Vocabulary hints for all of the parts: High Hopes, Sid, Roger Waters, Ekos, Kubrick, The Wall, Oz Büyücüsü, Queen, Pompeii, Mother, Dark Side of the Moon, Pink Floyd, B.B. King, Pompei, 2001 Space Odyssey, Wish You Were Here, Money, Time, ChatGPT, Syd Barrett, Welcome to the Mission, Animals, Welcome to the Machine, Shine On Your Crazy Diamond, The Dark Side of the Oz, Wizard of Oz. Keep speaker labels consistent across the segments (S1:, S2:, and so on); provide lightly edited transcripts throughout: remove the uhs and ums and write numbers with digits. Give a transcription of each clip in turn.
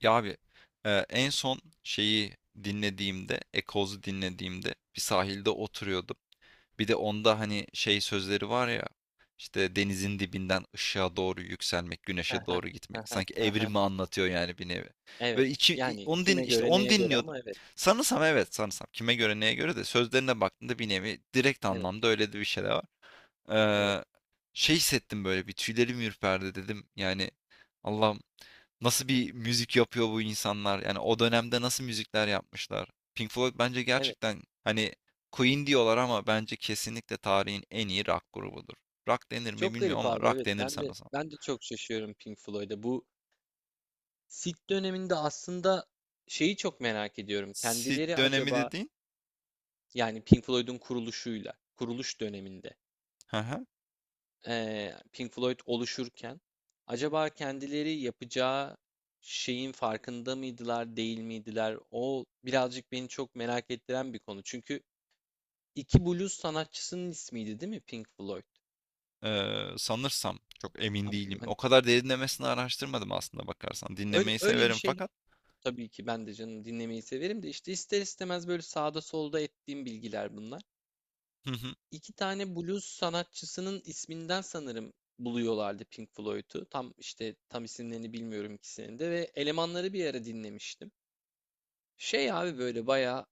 S1: Ya abi, en son şeyi dinlediğimde, Eccles'u dinlediğimde bir sahilde oturuyordum. Bir de onda hani şey sözleri var ya, işte denizin dibinden ışığa doğru yükselmek,
S2: Hı
S1: güneşe
S2: hı,
S1: doğru
S2: hı
S1: gitmek.
S2: hı,
S1: Sanki
S2: hı hı.
S1: evrimi anlatıyor yani, bir nevi.
S2: Evet.
S1: Böyle içi, i-
S2: Yani
S1: onu din,
S2: kime
S1: işte
S2: göre
S1: onu
S2: neye göre
S1: dinliyordum.
S2: ama evet.
S1: Sanırsam, evet, sanırsam kime göre neye göre de sözlerine baktığında bir nevi direkt
S2: Evet.
S1: anlamda öyle de bir şeyler var.
S2: Evet.
S1: Eee, Şey hissettim, böyle bir tüylerim ürperdi dedim. Yani Allah'ım, nasıl bir müzik yapıyor bu insanlar? Yani o dönemde nasıl müzikler yapmışlar? Pink Floyd bence
S2: Evet.
S1: gerçekten hani Queen diyorlar, ama bence kesinlikle tarihin en iyi rock grubudur. Rock denir mi
S2: Çok garip
S1: bilmiyorum ama
S2: abi
S1: rock
S2: evet.
S1: denir
S2: Ben de
S1: sanırsam.
S2: ben de çok şaşıyorum Pink Floyd'a. Bu Sid döneminde aslında şeyi çok merak ediyorum.
S1: Sid
S2: Kendileri
S1: dönemi
S2: acaba
S1: dediğin?
S2: yani Pink Floyd'un kuruluşuyla, kuruluş döneminde
S1: Hı hı.
S2: Pink Floyd oluşurken acaba kendileri yapacağı şeyin farkında mıydılar, değil miydiler? O birazcık beni çok merak ettiren bir konu. Çünkü 2 blues sanatçısının ismiydi değil mi Pink Floyd?
S1: Sanırsam çok emin
S2: Abi,
S1: değilim.
S2: hani
S1: O kadar derinlemesine araştırmadım aslında bakarsan.
S2: öyle
S1: Dinlemeyi
S2: öyle bir
S1: severim
S2: şey,
S1: fakat
S2: tabii ki ben de canım dinlemeyi severim de işte ister istemez böyle sağda solda ettiğim bilgiler bunlar.
S1: hı hı,
S2: İki tane blues sanatçısının isminden sanırım buluyorlardı Pink Floyd'u. Tam işte isimlerini bilmiyorum ikisinin de ve elemanları bir ara dinlemiştim. Şey abi böyle bayağı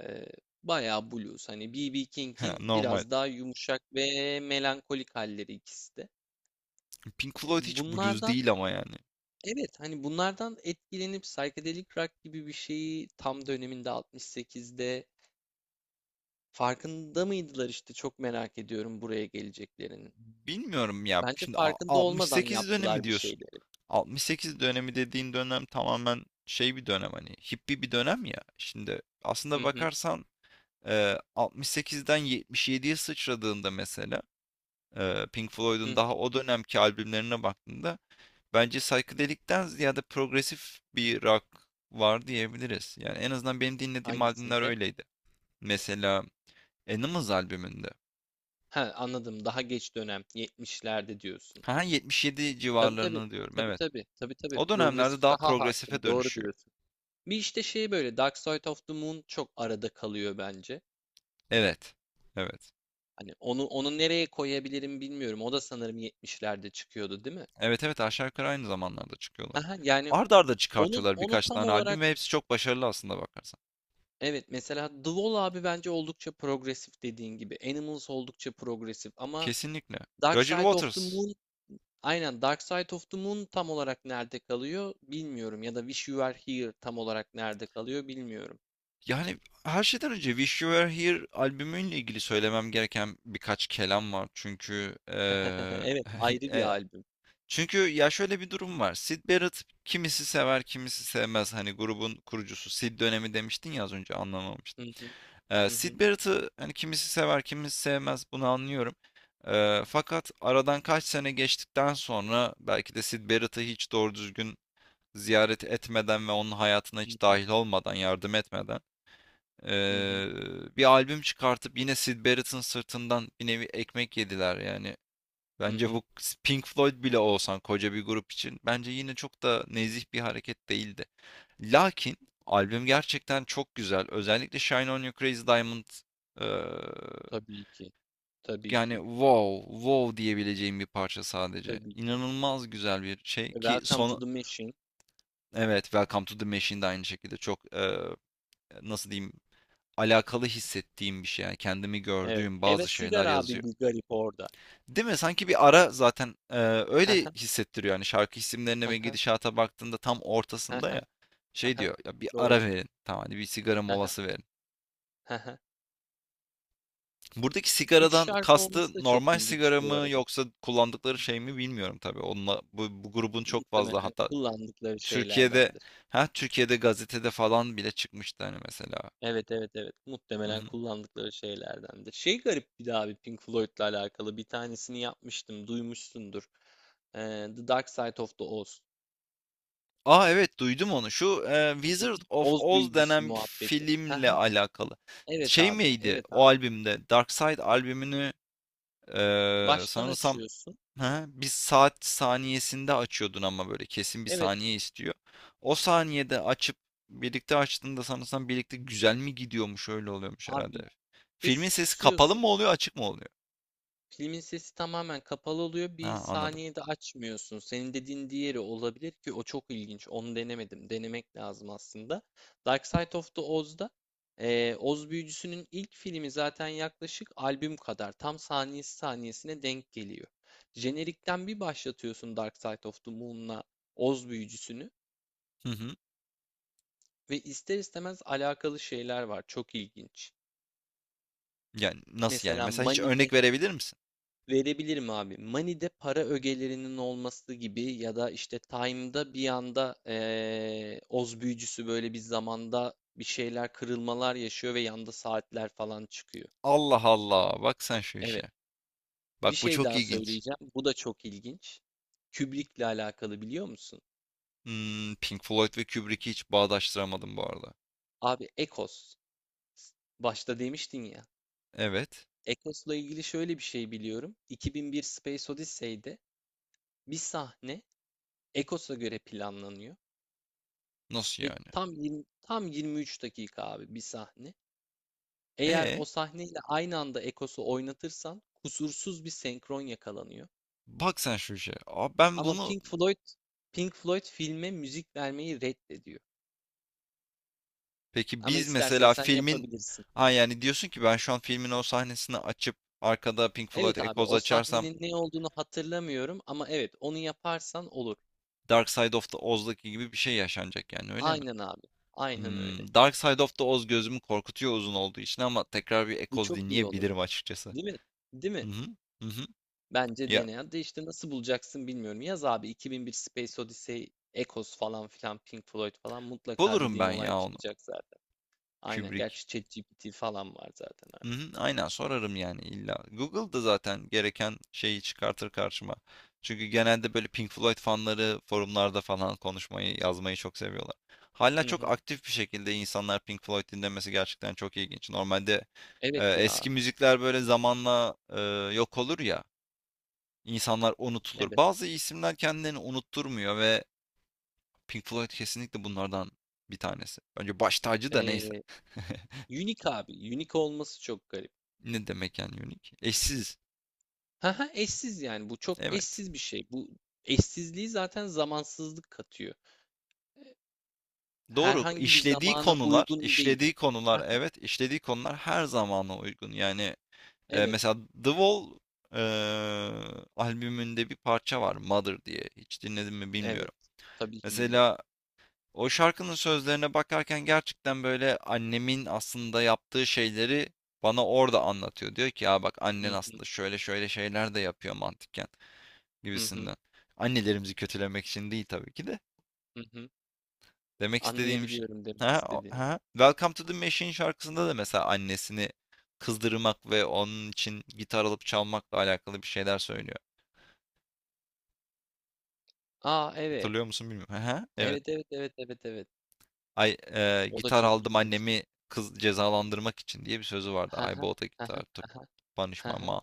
S2: e, bayağı blues. Hani B.B. King'in
S1: normal.
S2: biraz daha yumuşak ve melankolik halleri ikisi de.
S1: Pink
S2: E,
S1: Floyd hiç blues
S2: Bunlardan
S1: değil ama yani.
S2: Evet, hani bunlardan etkilenip psychedelic rock gibi bir şeyi tam döneminde 68'de farkında mıydılar işte, çok merak ediyorum buraya geleceklerinin.
S1: Bilmiyorum ya.
S2: Bence
S1: Şimdi
S2: farkında olmadan
S1: 68 dönemi
S2: yaptılar bir
S1: diyorsun.
S2: şeyleri.
S1: 68 dönemi dediğin dönem tamamen şey bir dönem, hani hippi bir dönem ya. Şimdi aslında
S2: Hı hı,
S1: bakarsan 68'den 77'ye sıçradığında mesela Pink
S2: hı
S1: Floyd'un
S2: hı.
S1: daha o dönemki albümlerine baktığında bence psychedelic'ten ziyade progresif bir rock var diyebiliriz. Yani en azından benim dinlediğim albümler
S2: Hangisinde?
S1: öyleydi. Mesela Animals albümünde.
S2: Ha, anladım, daha geç dönem 70'lerde diyorsun.
S1: Ha, 77
S2: Tabii tabii
S1: civarlarını diyorum,
S2: tabii
S1: evet.
S2: tabii tabii tabii
S1: O dönemlerde
S2: progresif
S1: daha
S2: daha
S1: progresife
S2: hakim, doğru
S1: dönüşüyor.
S2: diyorsun. Bir işte şey, böyle Dark Side of the Moon çok arada kalıyor bence.
S1: Evet. Evet.
S2: Hani onu nereye koyabilirim bilmiyorum. O da sanırım yetmişlerde çıkıyordu, değil mi?
S1: Evet, evet, aşağı yukarı aynı zamanlarda çıkıyorlar.
S2: Haha, yani
S1: Ard arda
S2: onun
S1: çıkartıyorlar
S2: onu
S1: birkaç
S2: tam
S1: tane
S2: olarak
S1: albüm ve hepsi çok başarılı aslında bakarsan.
S2: evet, mesela The Wall abi bence oldukça progresif dediğin gibi. Animals oldukça progresif ama
S1: Kesinlikle.
S2: Dark
S1: Roger
S2: Side of the
S1: Waters.
S2: Moon aynen Dark Side of the Moon tam olarak nerede kalıyor bilmiyorum, ya da Wish You Were Here tam olarak nerede kalıyor bilmiyorum.
S1: Yani her şeyden önce Wish You Were Here albümüyle ilgili söylemem gereken birkaç kelam var. Çünkü
S2: Evet, ayrı bir albüm.
S1: çünkü ya şöyle bir durum var. Syd Barrett, kimisi sever, kimisi sevmez. Hani grubun kurucusu, Sid dönemi demiştin ya az önce, anlamamıştım.
S2: Hı hı, hı hı,
S1: Syd Barrett'ı hani kimisi sever, kimisi sevmez, bunu anlıyorum. Fakat aradan kaç sene geçtikten sonra, belki de Syd Barrett'ı hiç doğru düzgün ziyaret etmeden ve onun hayatına hiç dahil olmadan, yardım etmeden,
S2: hı hı,
S1: ee, bir albüm çıkartıp yine Syd Barrett'ın sırtından bir nevi ekmek yediler. Yani
S2: hı
S1: Bence
S2: hı.
S1: bu Pink Floyd bile olsan, koca bir grup için bence yine çok da nezih bir hareket değildi. Lakin albüm gerçekten çok güzel. Özellikle Shine On Your Crazy Diamond, eee,
S2: Tabii ki. Tabii
S1: yani
S2: ki.
S1: wow wow diyebileceğim bir parça sadece.
S2: Tabii ki.
S1: İnanılmaz güzel bir şey ki
S2: Welcome to
S1: son,
S2: the Mission.
S1: evet, Welcome to the Machine de aynı şekilde çok nasıl diyeyim, alakalı hissettiğim bir şey. Yani kendimi
S2: Evet.
S1: gördüğüm bazı
S2: Heves
S1: şeyler
S2: sigara abi
S1: yazıyor.
S2: bir garip orada.
S1: Değil mi? Sanki bir ara zaten öyle hissettiriyor. Yani şarkı isimlerine
S2: Hıhı,
S1: ve
S2: hıhı,
S1: gidişata baktığında tam ortasında ya.
S2: hıhı,
S1: Şey
S2: hıhı.
S1: diyor ya, bir ara
S2: Doğru.
S1: verin. Tamam, hani bir sigara
S2: Hıhı,
S1: molası verin.
S2: hıhı.
S1: Buradaki
S2: Üç
S1: sigaradan
S2: şarkı olması da
S1: kastı
S2: çok
S1: normal
S2: ilginç
S1: sigara
S2: bu
S1: mı
S2: arada.
S1: yoksa kullandıkları şey mi bilmiyorum tabii. Onunla bu, bu grubun çok fazla,
S2: Muhtemelen
S1: hatta
S2: kullandıkları
S1: Türkiye'de,
S2: şeylerdendir.
S1: ha, Türkiye'de gazetede falan bile çıkmıştı, hani mesela.
S2: Evet, evet, evet. Muhtemelen kullandıkları şeylerdendir. Şey garip bir de abi, Pink Floyd'la alakalı bir tanesini yapmıştım. Duymuşsundur. Ee, The Dark Side of the Oz.
S1: A, evet, duydum onu. Şu
S2: Hı
S1: Wizard
S2: hı.
S1: of
S2: Oz
S1: Oz
S2: büyücüsü
S1: denen bir
S2: muhabbeti.
S1: filmle
S2: Hıhı.
S1: alakalı.
S2: Evet
S1: Şey
S2: abi.
S1: miydi
S2: Evet
S1: o
S2: abi.
S1: albümde? Dark Side albümünü
S2: Baştan
S1: sanırsam,
S2: açıyorsun.
S1: ha, bir saat saniyesinde açıyordun ama böyle kesin bir
S2: Evet
S1: saniye istiyor. O saniyede açıp birlikte açtığında sanırsam birlikte güzel mi gidiyormuş, öyle oluyormuş
S2: abi.
S1: herhalde. Filmin
S2: Sesi
S1: sesi kapalı
S2: kısıyorsun.
S1: mı oluyor, açık mı oluyor?
S2: Pilin sesi tamamen kapalı oluyor. Bir
S1: Ha, anladım.
S2: saniyede açmıyorsun. Senin dediğin diğeri olabilir ki o çok ilginç. Onu denemedim. Denemek lazım aslında. Dark Side of the Oz'da Oz Büyücüsü'nün ilk filmi zaten yaklaşık albüm kadar. Tam saniyesi saniyesine denk geliyor. Jenerikten bir başlatıyorsun Dark Side of the Moon'la Oz Büyücüsü'nü
S1: Hı hı.
S2: ve ister istemez alakalı şeyler var. Çok ilginç.
S1: Yani nasıl yani?
S2: Mesela
S1: Mesela hiç
S2: Mani'de
S1: örnek verebilir misin?
S2: Verebilirim abi. Money'de para ögelerinin olması gibi, ya da işte Time'da bir anda Oz büyücüsü böyle bir zamanda bir şeyler, kırılmalar yaşıyor ve yanda saatler falan çıkıyor.
S1: Allah Allah, bak sen şu
S2: Evet.
S1: işe.
S2: Bir
S1: Bak, bu
S2: şey
S1: çok
S2: daha
S1: ilginç.
S2: söyleyeceğim. Bu da çok ilginç. Kubrick'le alakalı biliyor musun?
S1: Hmm, Pink Floyd ve Kubrick'i hiç bağdaştıramadım bu arada.
S2: Abi Ekos. Başta demiştin ya.
S1: Evet.
S2: Ekos'la ilgili şöyle bir şey biliyorum. 2001 Space Odyssey'de bir sahne Ekos'a göre planlanıyor.
S1: Nasıl
S2: Ve
S1: yani?
S2: tam 23 dakika abi bir sahne. Eğer
S1: E,
S2: o sahneyle aynı anda Ekos'u oynatırsan kusursuz bir senkron yakalanıyor.
S1: bak sen şu işe. Aa, ben
S2: Ama
S1: bunu
S2: Pink Floyd filme müzik vermeyi reddediyor.
S1: peki
S2: Ama
S1: biz
S2: istersen
S1: mesela
S2: sen
S1: filmin
S2: yapabilirsin.
S1: ha yani diyorsun ki ben şu an filmin o sahnesini açıp arkada Pink Floyd
S2: Evet abi,
S1: Echoes
S2: o
S1: açarsam
S2: sahnenin ne olduğunu hatırlamıyorum ama evet, onu yaparsan olur.
S1: Dark Side of the Oz'daki gibi bir şey yaşanacak yani, öyle mi?
S2: Aynen abi. Aynen öyle.
S1: Hmm, Dark Side of the Oz gözümü korkutuyor uzun olduğu için, ama tekrar bir
S2: Bu
S1: Echoes
S2: çok iyi olur.
S1: dinleyebilirim açıkçası.
S2: Değil mi? Değil mi?
S1: Hı hı. Hı hı.
S2: Bence
S1: Ya
S2: dene, de işte nasıl bulacaksın bilmiyorum. Yaz abi 2001 Space Odyssey, Echoes falan filan, Pink Floyd falan, mutlaka
S1: bulurum
S2: dediğim
S1: ben
S2: olay
S1: ya onu.
S2: çıkacak zaten. Aynen.
S1: Kubrick.
S2: Gerçi ChatGPT falan var zaten abi.
S1: Hı hı, aynen sorarım yani, illa. Google'da zaten gereken şeyi çıkartır karşıma. Çünkü genelde böyle Pink Floyd fanları forumlarda falan konuşmayı, yazmayı çok seviyorlar. Hala
S2: Hı
S1: çok
S2: hı.
S1: aktif bir şekilde insanlar Pink Floyd dinlemesi gerçekten çok ilginç. Normalde
S2: Evet ya.
S1: eski müzikler böyle zamanla yok olur ya, insanlar unutulur.
S2: Evet.
S1: Bazı isimler kendilerini unutturmuyor ve Pink Floyd kesinlikle bunlardan bir tanesi. Bence baş tacı, da neyse.
S2: Ee, unique abi. Unique olması çok garip.
S1: Ne demek yani unik? Eşsiz.
S2: Haha, eşsiz yani. Bu çok
S1: Evet.
S2: eşsiz bir şey. Bu eşsizliği zaten zamansızlık katıyor.
S1: Doğru.
S2: Herhangi bir zamana uygun değil.
S1: Evet, işlediği konular her zamana uygun. Yani
S2: Evet.
S1: mesela The Wall e, albümünde bir parça var, Mother diye. Hiç dinledim mi
S2: Evet.
S1: bilmiyorum.
S2: Tabii ki dinledim.
S1: Mesela o şarkının sözlerine bakarken gerçekten böyle annemin aslında yaptığı şeyleri bana orada anlatıyor. Diyor ki ya bak,
S2: Hı
S1: annen
S2: hı.
S1: aslında şöyle şöyle şeyler de yapıyor mantıken
S2: Hı hı.
S1: gibisinden. Annelerimizi kötülemek için değil tabii ki de.
S2: Hı hı.
S1: Demek istediğim şey...
S2: Anlayabiliyorum demek
S1: Ha,
S2: istediğini.
S1: ha. Welcome to the Machine şarkısında da mesela annesini kızdırmak ve onun için gitar alıp çalmakla alakalı bir şeyler söylüyor.
S2: A! Evet.
S1: Hatırlıyor musun bilmiyorum. Ha, evet.
S2: Evet, evet, evet, evet, evet.
S1: Ay,
S2: O da
S1: gitar
S2: çok
S1: aldım
S2: ilginç.
S1: annemi kız cezalandırmak için, diye bir sözü vardı.
S2: Hı
S1: I
S2: hı.
S1: bought a
S2: Hı hı.
S1: guitar to
S2: Hı hı.
S1: punish
S2: Hı
S1: my
S2: hı.
S1: mom.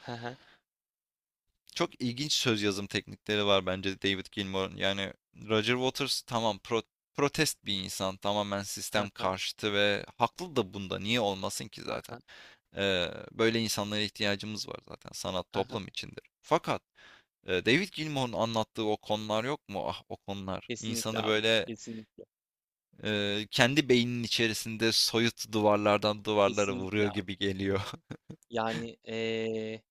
S2: Hı hı.
S1: Çok ilginç söz yazım teknikleri var bence David Gilmour'un. Yani Roger Waters tamam, protest bir insan. Tamamen
S2: Hı
S1: sistem
S2: hı.
S1: karşıtı ve haklı da bunda. Niye olmasın ki
S2: Hı
S1: zaten?
S2: hı.
S1: Böyle insanlara ihtiyacımız var zaten. Sanat
S2: Hı
S1: toplum içindir. Fakat David Gilmour'un anlattığı o konular yok mu? Ah, o konular.
S2: Kesinlikle
S1: İnsanı
S2: abi.
S1: böyle
S2: Kesinlikle.
S1: kendi beyninin içerisinde soyut duvarlardan duvarlara vuruyor
S2: Kesinlikle abi.
S1: gibi geliyor.
S2: Yani,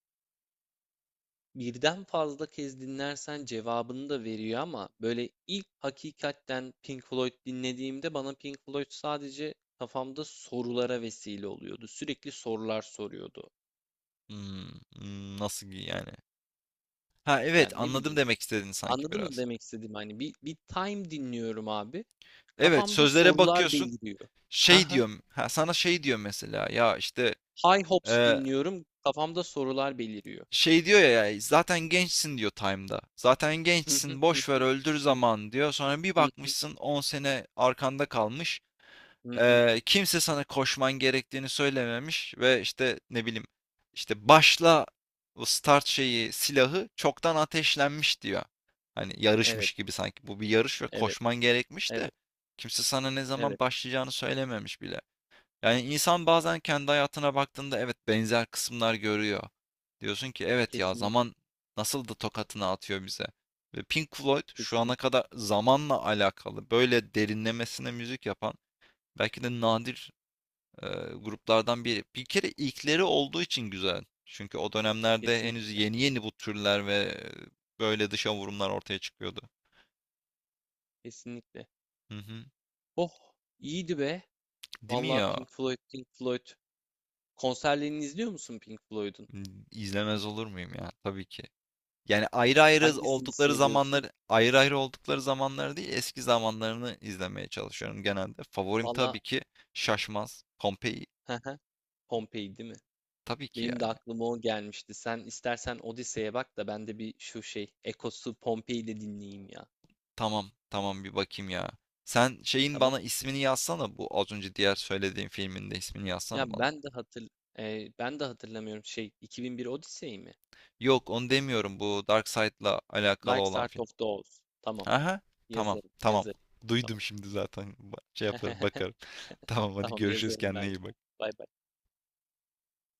S2: birden fazla kez dinlersen cevabını da veriyor, ama böyle ilk hakikatten Pink Floyd dinlediğimde bana Pink Floyd sadece kafamda sorulara vesile oluyordu. Sürekli sorular soruyordu.
S1: Hmm, hmm, nasıl yani? Ha evet,
S2: Yani ne
S1: anladım
S2: bileyim
S1: demek istediğini sanki
S2: Anladın mı
S1: biraz.
S2: demek istediğim? Hani bir time dinliyorum abi.
S1: Evet,
S2: Kafamda
S1: sözlere
S2: sorular
S1: bakıyorsun.
S2: beliriyor. Hı
S1: Şey
S2: hı.
S1: diyorum. Ha, sana şey diyor mesela. Ya işte
S2: High Hopes dinliyorum. Kafamda sorular beliriyor.
S1: şey diyor ya, ya, zaten gençsin diyor Time'da. Zaten
S2: Hı hı,
S1: gençsin,
S2: hı
S1: boş ver,
S2: hı.
S1: öldür
S2: Hı
S1: zaman diyor. Sonra bir
S2: hı, hı
S1: bakmışsın 10 sene arkanda kalmış.
S2: hı, hı.
S1: Kimse sana koşman gerektiğini söylememiş ve işte ne bileyim, işte başla, bu start şeyi, silahı çoktan ateşlenmiş diyor. Hani yarışmış
S2: Evet,
S1: gibi, sanki bu bir yarış ve
S2: evet,
S1: koşman gerekmiş de
S2: evet,
S1: kimse sana ne zaman
S2: evet.
S1: başlayacağını söylememiş bile. Yani insan bazen kendi hayatına baktığında evet, benzer kısımlar görüyor. Diyorsun ki evet ya,
S2: Kesinlikle,
S1: zaman nasıl da tokatını atıyor bize. Ve Pink Floyd şu ana
S2: kesinlikle,
S1: kadar zamanla alakalı böyle derinlemesine müzik yapan belki de nadir e, gruplardan biri. Bir kere ilkleri olduğu için güzel. Çünkü o dönemlerde henüz
S2: kesinlikle,
S1: yeni yeni bu türler ve böyle dışa vurumlar ortaya çıkıyordu.
S2: kesinlikle.
S1: Hı hı.
S2: Oh, iyiydi be.
S1: Değil mi
S2: Vallahi
S1: ya?
S2: Pink Floyd, Pink Floyd. Konserlerini izliyor musun Pink Floyd'un?
S1: İzlemez olur muyum ya? Tabii ki. Yani
S2: Hangisini seviyorsun?
S1: ayrı ayrı oldukları zamanlar değil, eski zamanlarını izlemeye çalışıyorum genelde. Favorim
S2: Vallahi,
S1: tabii ki Şaşmaz, Pompei,
S2: hı hı. Pompei değil mi?
S1: tabii ki
S2: Benim de
S1: yani.
S2: aklıma o gelmişti. Sen istersen Odise'ye bak da ben de bir şu şey Ekos'u, Pompei'yi de dinleyeyim ya.
S1: Tamam, tamam, bir bakayım ya. Sen şeyin
S2: Tamam.
S1: bana ismini yazsana, bu az önce diğer söylediğim filmin de ismini yazsana
S2: Ya
S1: bana.
S2: ben de hatır ben de hatırlamıyorum, şey, 2001 Odise'yi mi?
S1: Yok, onu demiyorum, bu Dark Side'la alakalı
S2: Dark
S1: olan
S2: Side
S1: film.
S2: of the Oz. Tamam.
S1: Aha, tamam,
S2: Yazarım,
S1: tamam.
S2: yazarım.
S1: Duydum
S2: Tamam.
S1: şimdi zaten. Şey yaparım, bakarım. Tamam, hadi
S2: Tamam,
S1: görüşürüz,
S2: yazarım
S1: kendine
S2: ben.
S1: iyi bak.
S2: Bay bay.